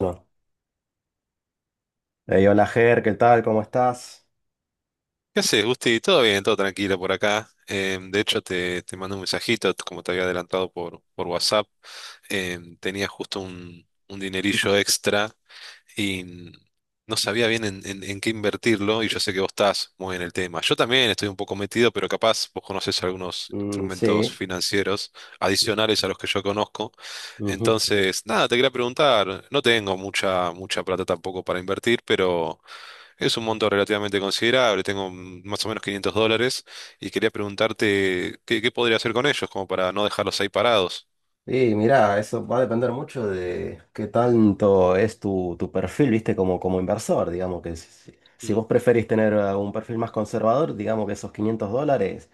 No. Ey, hola Ger, ¿qué tal? ¿Cómo estás? ¿Qué haces, Gusti? Todo bien, todo tranquilo por acá. De hecho, te mando un mensajito, como te había adelantado por WhatsApp. Tenía justo un dinerillo extra y no sabía bien en, en qué invertirlo, y yo sé que vos estás muy en el tema. Yo también estoy un poco metido, pero capaz vos conocés algunos Mm, instrumentos sí. financieros adicionales a los que yo conozco. Ujú. Entonces, nada, te quería preguntar. No tengo mucha, plata tampoco para invertir, pero es un monto relativamente considerable. Tengo más o menos $500 y quería preguntarte qué, podría hacer con ellos, como para no dejarlos ahí parados. Y mira, eso va a depender mucho de qué tanto es tu perfil, viste, como inversor, digamos que si Mm. vos preferís tener un perfil más conservador, digamos que esos 500 dólares,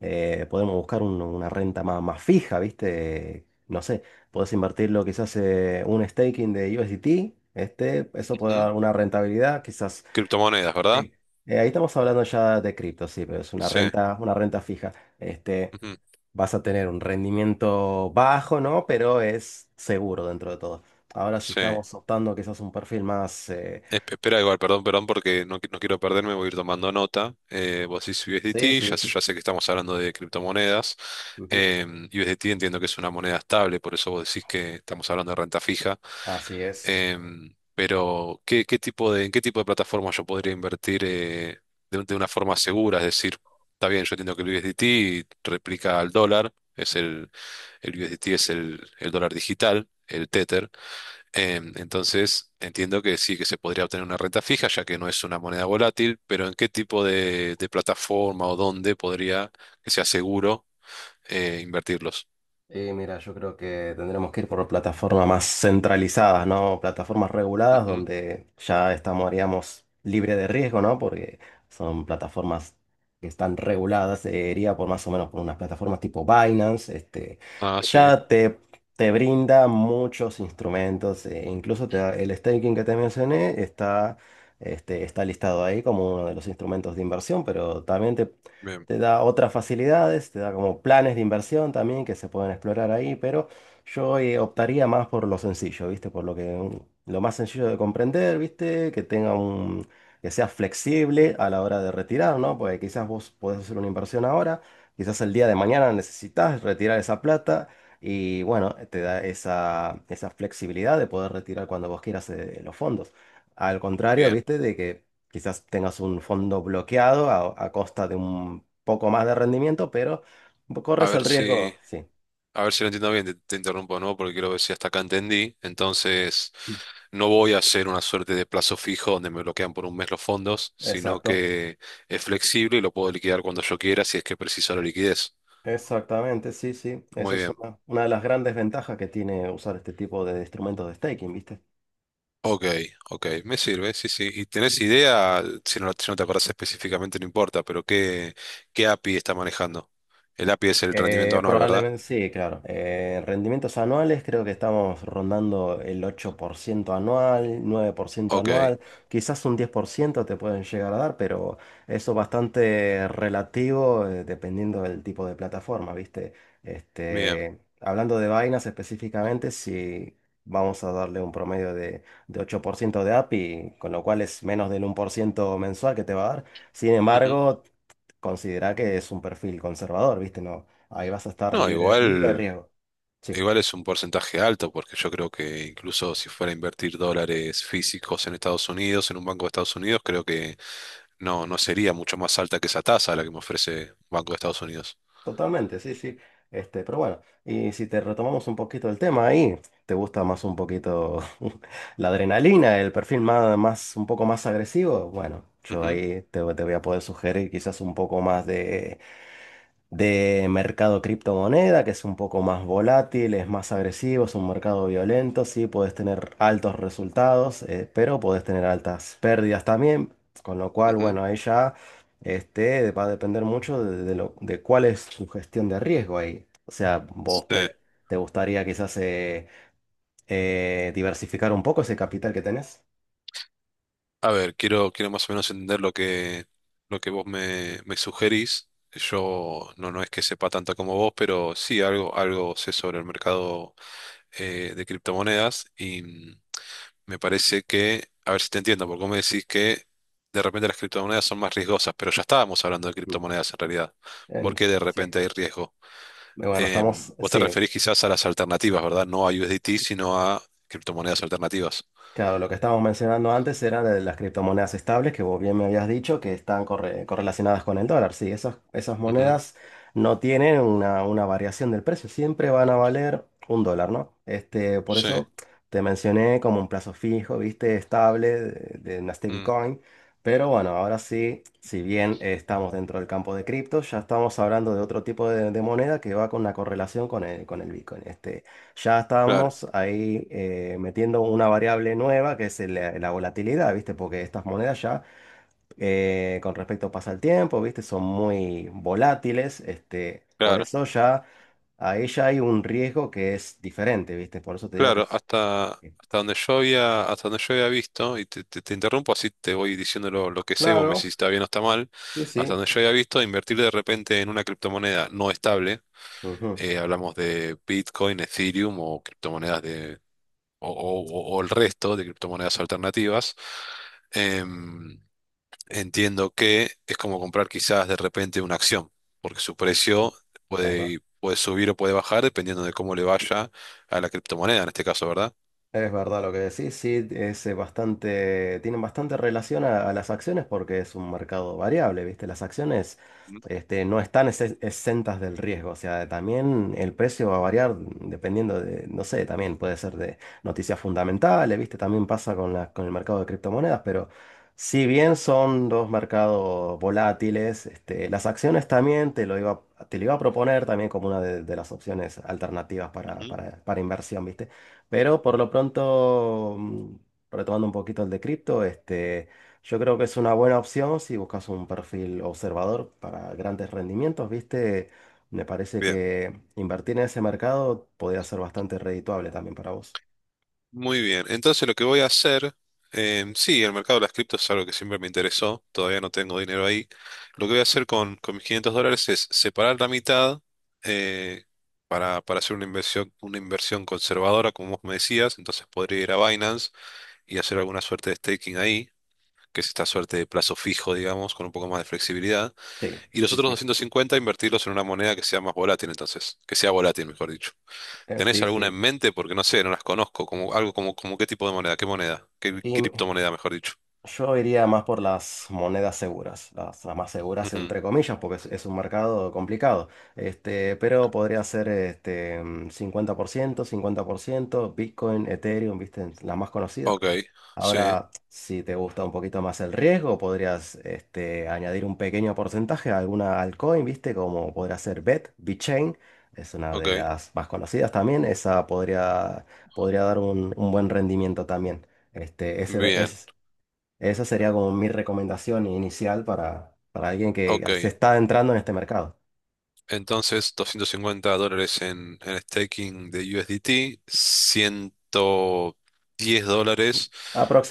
podemos buscar una renta más fija, viste, no sé, podés invertirlo quizás un staking de USDT, eso puede Ujú. dar una rentabilidad, quizás. Criptomonedas, ¿verdad? Bien, ahí estamos hablando ya de cripto, sí, pero es una Sí, renta, una renta fija. Este, ujú, vas a tener un rendimiento bajo, ¿no? Pero es seguro dentro de todo. Ahora si sí. estamos optando quizás un perfil más. Espera, igual, perdón, porque no, no quiero perderme. Voy a ir tomando nota. Vos decís Sí, USDT. Ya, sí. Ya sé que estamos hablando de criptomonedas. Ujú, USDT entiendo que es una moneda estable, por eso vos decís que estamos hablando de renta fija. así es. Pero ¿qué, tipo de, en qué tipo de plataforma yo podría invertir, de, de una forma segura? Es decir, está bien, yo entiendo que el USDT replica al dólar, es el, el, USDT es el dólar digital, el Tether. Entonces, entiendo que sí, que se podría obtener una renta fija, ya que no es una moneda volátil, pero ¿en qué tipo de, plataforma o dónde podría, que sea seguro, invertirlos? Y mira, yo creo que tendremos que ir por plataformas más centralizadas, ¿no? Plataformas reguladas Ujú. donde ya estamos, haríamos libre de riesgo, ¿no? Porque son plataformas que están reguladas, iría por más o menos por unas plataformas tipo Binance, Ah, que sí, ya te brinda muchos instrumentos, incluso el staking que te mencioné está listado ahí como uno de los instrumentos de inversión, pero también bien, te da otras facilidades, te da como planes de inversión también que se pueden explorar ahí, pero yo optaría más por lo sencillo, ¿viste? Por lo que lo más sencillo de comprender, ¿viste? Que tenga un que sea flexible a la hora de retirar, ¿no? Porque quizás vos podés hacer una inversión ahora, quizás el día de mañana necesitas retirar esa plata y bueno, te da esa flexibilidad de poder retirar cuando vos quieras los fondos. Al contrario, bien. ¿viste? De que Quizás tengas un fondo bloqueado a costa de un poco más de rendimiento, pero A corres ver el riesgo, si... sí. A ver si lo entiendo bien, te interrumpo, ¿no? Porque quiero ver si hasta acá entendí. Entonces, no voy a hacer una suerte de plazo fijo donde me bloquean por un mes los fondos, sino Exacto, que es flexible y lo puedo liquidar cuando yo quiera si es que preciso la liquidez. exactamente, sí, sí. Eso Muy es bien. una de las grandes ventajas que tiene usar este tipo de instrumentos de staking, ¿viste? Ok, ok, me sirve, sí, sí. ¿Y tenés idea? Si no, si no te acordás específicamente, no importa, pero ¿qué, API está manejando? El API es el rendimiento Eh, anual, ¿verdad? probablemente sí, claro. Rendimientos anuales creo que estamos rondando el 8% anual, 9% Ok, anual, quizás un 10% te pueden llegar a dar, pero eso es bastante relativo dependiendo del tipo de plataforma, ¿viste? bien. Hablando de Binance específicamente, si vamos a darle un promedio de 8% de API, con lo cual es menos del 1% mensual que te va a dar. Sin Ujú. embargo. Considera que es un perfil conservador, ¿viste? No, ahí vas a estar No, libre, libre de igual. riesgo. Sí, Igual es un porcentaje alto, porque yo creo que incluso si fuera a invertir dólares físicos en Estados Unidos, en un banco de Estados Unidos, creo que no, sería mucho más alta que esa tasa la que me ofrece Banco de Estados Unidos. totalmente, sí, sí. Pero bueno, y si te retomamos un poquito el tema ahí, ¿te gusta más un poquito la adrenalina, el perfil más, un poco más agresivo? Bueno, yo Ujú, ahí te voy a poder sugerir quizás un poco más de mercado criptomoneda, que es un poco más volátil, es más agresivo, es un mercado violento, sí, puedes tener altos resultados, pero puedes tener altas pérdidas también, con lo cual, ujú. bueno, ahí ya va a depender mucho de cuál es tu gestión de riesgo ahí. O sea, Sí. vos te gustaría quizás diversificar un poco ese capital que tenés. A ver, quiero, más o menos entender lo que, vos me sugerís. Yo no es que sepa tanto como vos, pero sí algo sé sobre el mercado, de criptomonedas. Y me parece que, a ver si te entiendo, porque vos me decís que de repente las criptomonedas son más riesgosas, pero ya estábamos hablando de Mm. criptomonedas en realidad. ¿Por En- qué de Sí. repente hay riesgo? Bueno, estamos, Vos te sí, referís quizás a las alternativas, ¿verdad? No a USDT, sino a criptomonedas alternativas. claro, lo que estábamos mencionando antes era de las criptomonedas estables, que vos bien me habías dicho que están correlacionadas con el dólar. Sí, esas Ujú. monedas no tienen una variación del precio, siempre van a valer un dólar, ¿no? Por Sí. eso te mencioné como un plazo fijo, viste, estable de una Mm. stablecoin. Pero bueno, ahora sí, si bien estamos dentro del campo de cripto, ya estamos hablando de otro tipo de moneda que va con una correlación con el Bitcoin. Ya Claro, estábamos ahí metiendo una variable nueva que es la volatilidad, ¿viste? Porque estas monedas ya, con respecto pasa el tiempo, ¿viste? Son muy volátiles, por claro, eso ya ahí ya hay un riesgo que es diferente, ¿viste? Por eso te digo que claro. es... Hasta, eh, hasta donde yo había, hasta donde yo había visto, y te, te interrumpo, así te voy diciendo lo que sé, vos me decís Claro, si está bien o está mal. sí, Hasta sí. donde yo había visto, invertir de repente en una criptomoneda no estable, hablamos de Bitcoin, Ethereum o criptomonedas o el resto de criptomonedas alternativas, em, entiendo que es como comprar quizás de repente una acción, porque su precio Ujú. puede subir o puede bajar dependiendo de cómo le vaya a la criptomoneda en este caso, ¿verdad? Es verdad lo que decís, sí, es bastante, tienen bastante relación a las acciones porque es un mercado variable, ¿viste? Las acciones Mm. No están exentas del riesgo, o sea, también el precio va a variar dependiendo de, no sé, también puede ser de noticias fundamentales, ¿viste? También pasa con con el mercado de criptomonedas, pero si bien son dos mercados volátiles, las acciones también te lo iba a proponer también como una de las opciones alternativas para, Ujú. para para inversión, ¿viste? Pero por lo pronto, retomando un poquito el de cripto, yo creo que es una buena opción si buscas un perfil observador para grandes rendimientos, ¿viste? Me parece Bien. que invertir en ese mercado podría ser bastante redituable también para vos. Muy bien. Entonces lo que voy a hacer, sí, el mercado de las criptos es algo que siempre me interesó, todavía no tengo dinero ahí. Lo que voy a hacer con, mis $500 es separar la mitad, eh, para, hacer una inversión conservadora, como vos me decías. Entonces podría ir a Binance y hacer alguna suerte de staking ahí, que es esta suerte de plazo fijo, digamos, con un poco más de flexibilidad. Sí, Y los sí, otros sí. 250 invertirlos en una moneda que sea más volátil. Entonces, que sea volátil, mejor. Eh, ¿Tenés sí, alguna en sí. mente? Porque no sé, no las conozco. Como, algo como, como qué tipo de moneda, qué Y, criptomoneda, mejor dicho. Yo iría más por las monedas seguras, las más seguras Ujú. entre comillas, porque es un mercado complicado. Pero podría ser 50% 50%, Bitcoin, Ethereum, ¿viste? Las más conocidas. Ok, sí, Ahora, si te gusta un poquito más el riesgo, podrías añadir un pequeño porcentaje a alguna altcoin, ¿viste? Como podría ser BET, BitChain, es una ok, de las más conocidas también. Esa podría dar un buen rendimiento también. Ese bien, es. Esa sería como mi recomendación inicial para alguien ok. que se está adentrando en este mercado. Entonces, $250 en, staking de USDT, $10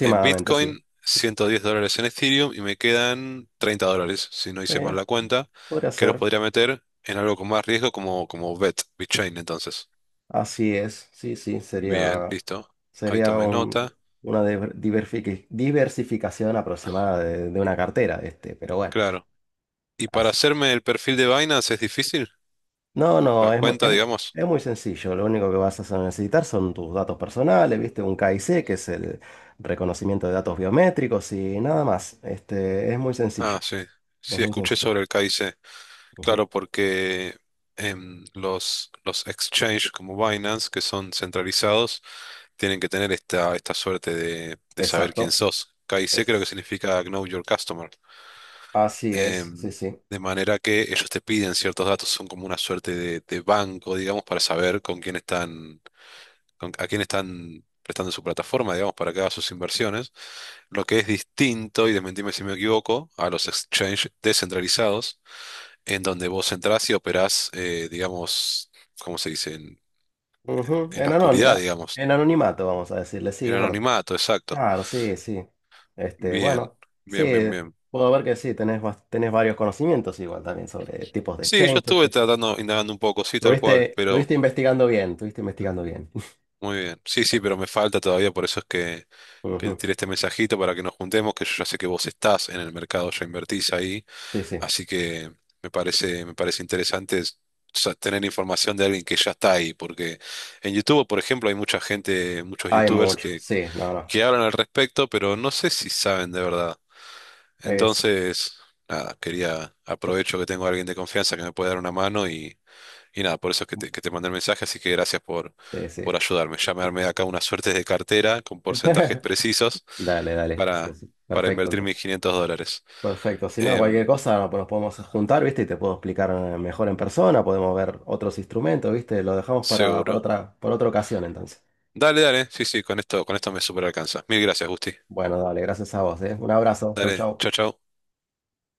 en sí. Bitcoin, $110 en Ethereum y me quedan $30, si no Sí, hice mal la cuenta, podría que los ser. podría meter en algo con más riesgo, como BET, BitChain, entonces. Así es. Sí, sí, Bien, sería, listo. Ahí sería tomé nota. una diversificación aproximada de una cartera, pero bueno, Claro. ¿Y para así. hacerme el perfil de Binance es difícil? No, La no, es muy, cuenta, es muy, digamos. es muy sencillo. Lo único que vas a necesitar son tus datos personales, ¿viste? Un KIC, que es el reconocimiento de datos biométricos y nada más. Es muy sencillo. Ah, sí. Es Sí, muy escuché sencillo. sobre el KIC. Claro, porque los, exchanges como Binance, que son centralizados, tienen que tener esta, suerte de saber quién Exacto. sos. KIC creo que Es, significa Know Your Customer. así es, sí, Em, sí. de manera que ellos te piden ciertos datos, son como una suerte de banco, digamos, para saber con quién están, a quién están prestando su plataforma, digamos, para que haga sus inversiones. Lo que es distinto, y desmentime si me equivoco, a los exchanges descentralizados, en donde vos entrás y operás, digamos, ¿cómo se dice? Ujú. En la En oscuridad, anónima- digamos, en anonimato, vamos a decirle, sí, en es verdad. anonimato, exacto. Claro, sí, sí. Este, Bien, bueno, sí, bien, bien, bien. puedo ver que sí, tenés varios conocimientos igual también sobre tipos de Sí, yo exchange. estuve tratando, indagando un poco, sí, tal cual, Estuviste, pero estuviste investigando bien, estuviste investigando bien. muy bien. Sí, sí, pero me falta todavía, por eso es que, te Ujú. tiré este mensajito para que nos juntemos, que yo ya sé que vos estás en el mercado, ya invertís ahí. Sí, sí. Así que me parece interesante tener información de alguien que ya está ahí, porque en YouTube, por ejemplo, hay mucha gente, muchos Hay YouTubers mucho, que, sí, no, no. que hablan al respecto, pero no sé si saben de verdad. Es, Entonces, nada, quería, yo- aprovecho que tengo a alguien de confianza que me puede dar una mano. Y y nada, por eso es que te mandé el mensaje, así que gracias por, sí, sí. por ayudarme. Ya me armé acá una suerte de cartera con porcentajes precisos Dale, dale. Sí, para, sí. para Perfecto, invertir mis entonces. $500. Perfecto, si no, cualquier Em, cosa no, pues nos podemos juntar, ¿viste? Y te puedo explicar mejor en persona, podemos ver otros instrumentos, ¿viste? Lo dejamos para, para Seguro. otra, para otra ocasión entonces. Dale, dale. Sí, sí, con esto, me super alcanza. Mil gracias, Gusti. Bueno, dale, gracias a vos, ¿eh? Un abrazo, chau, Dale, chau. chau, chau.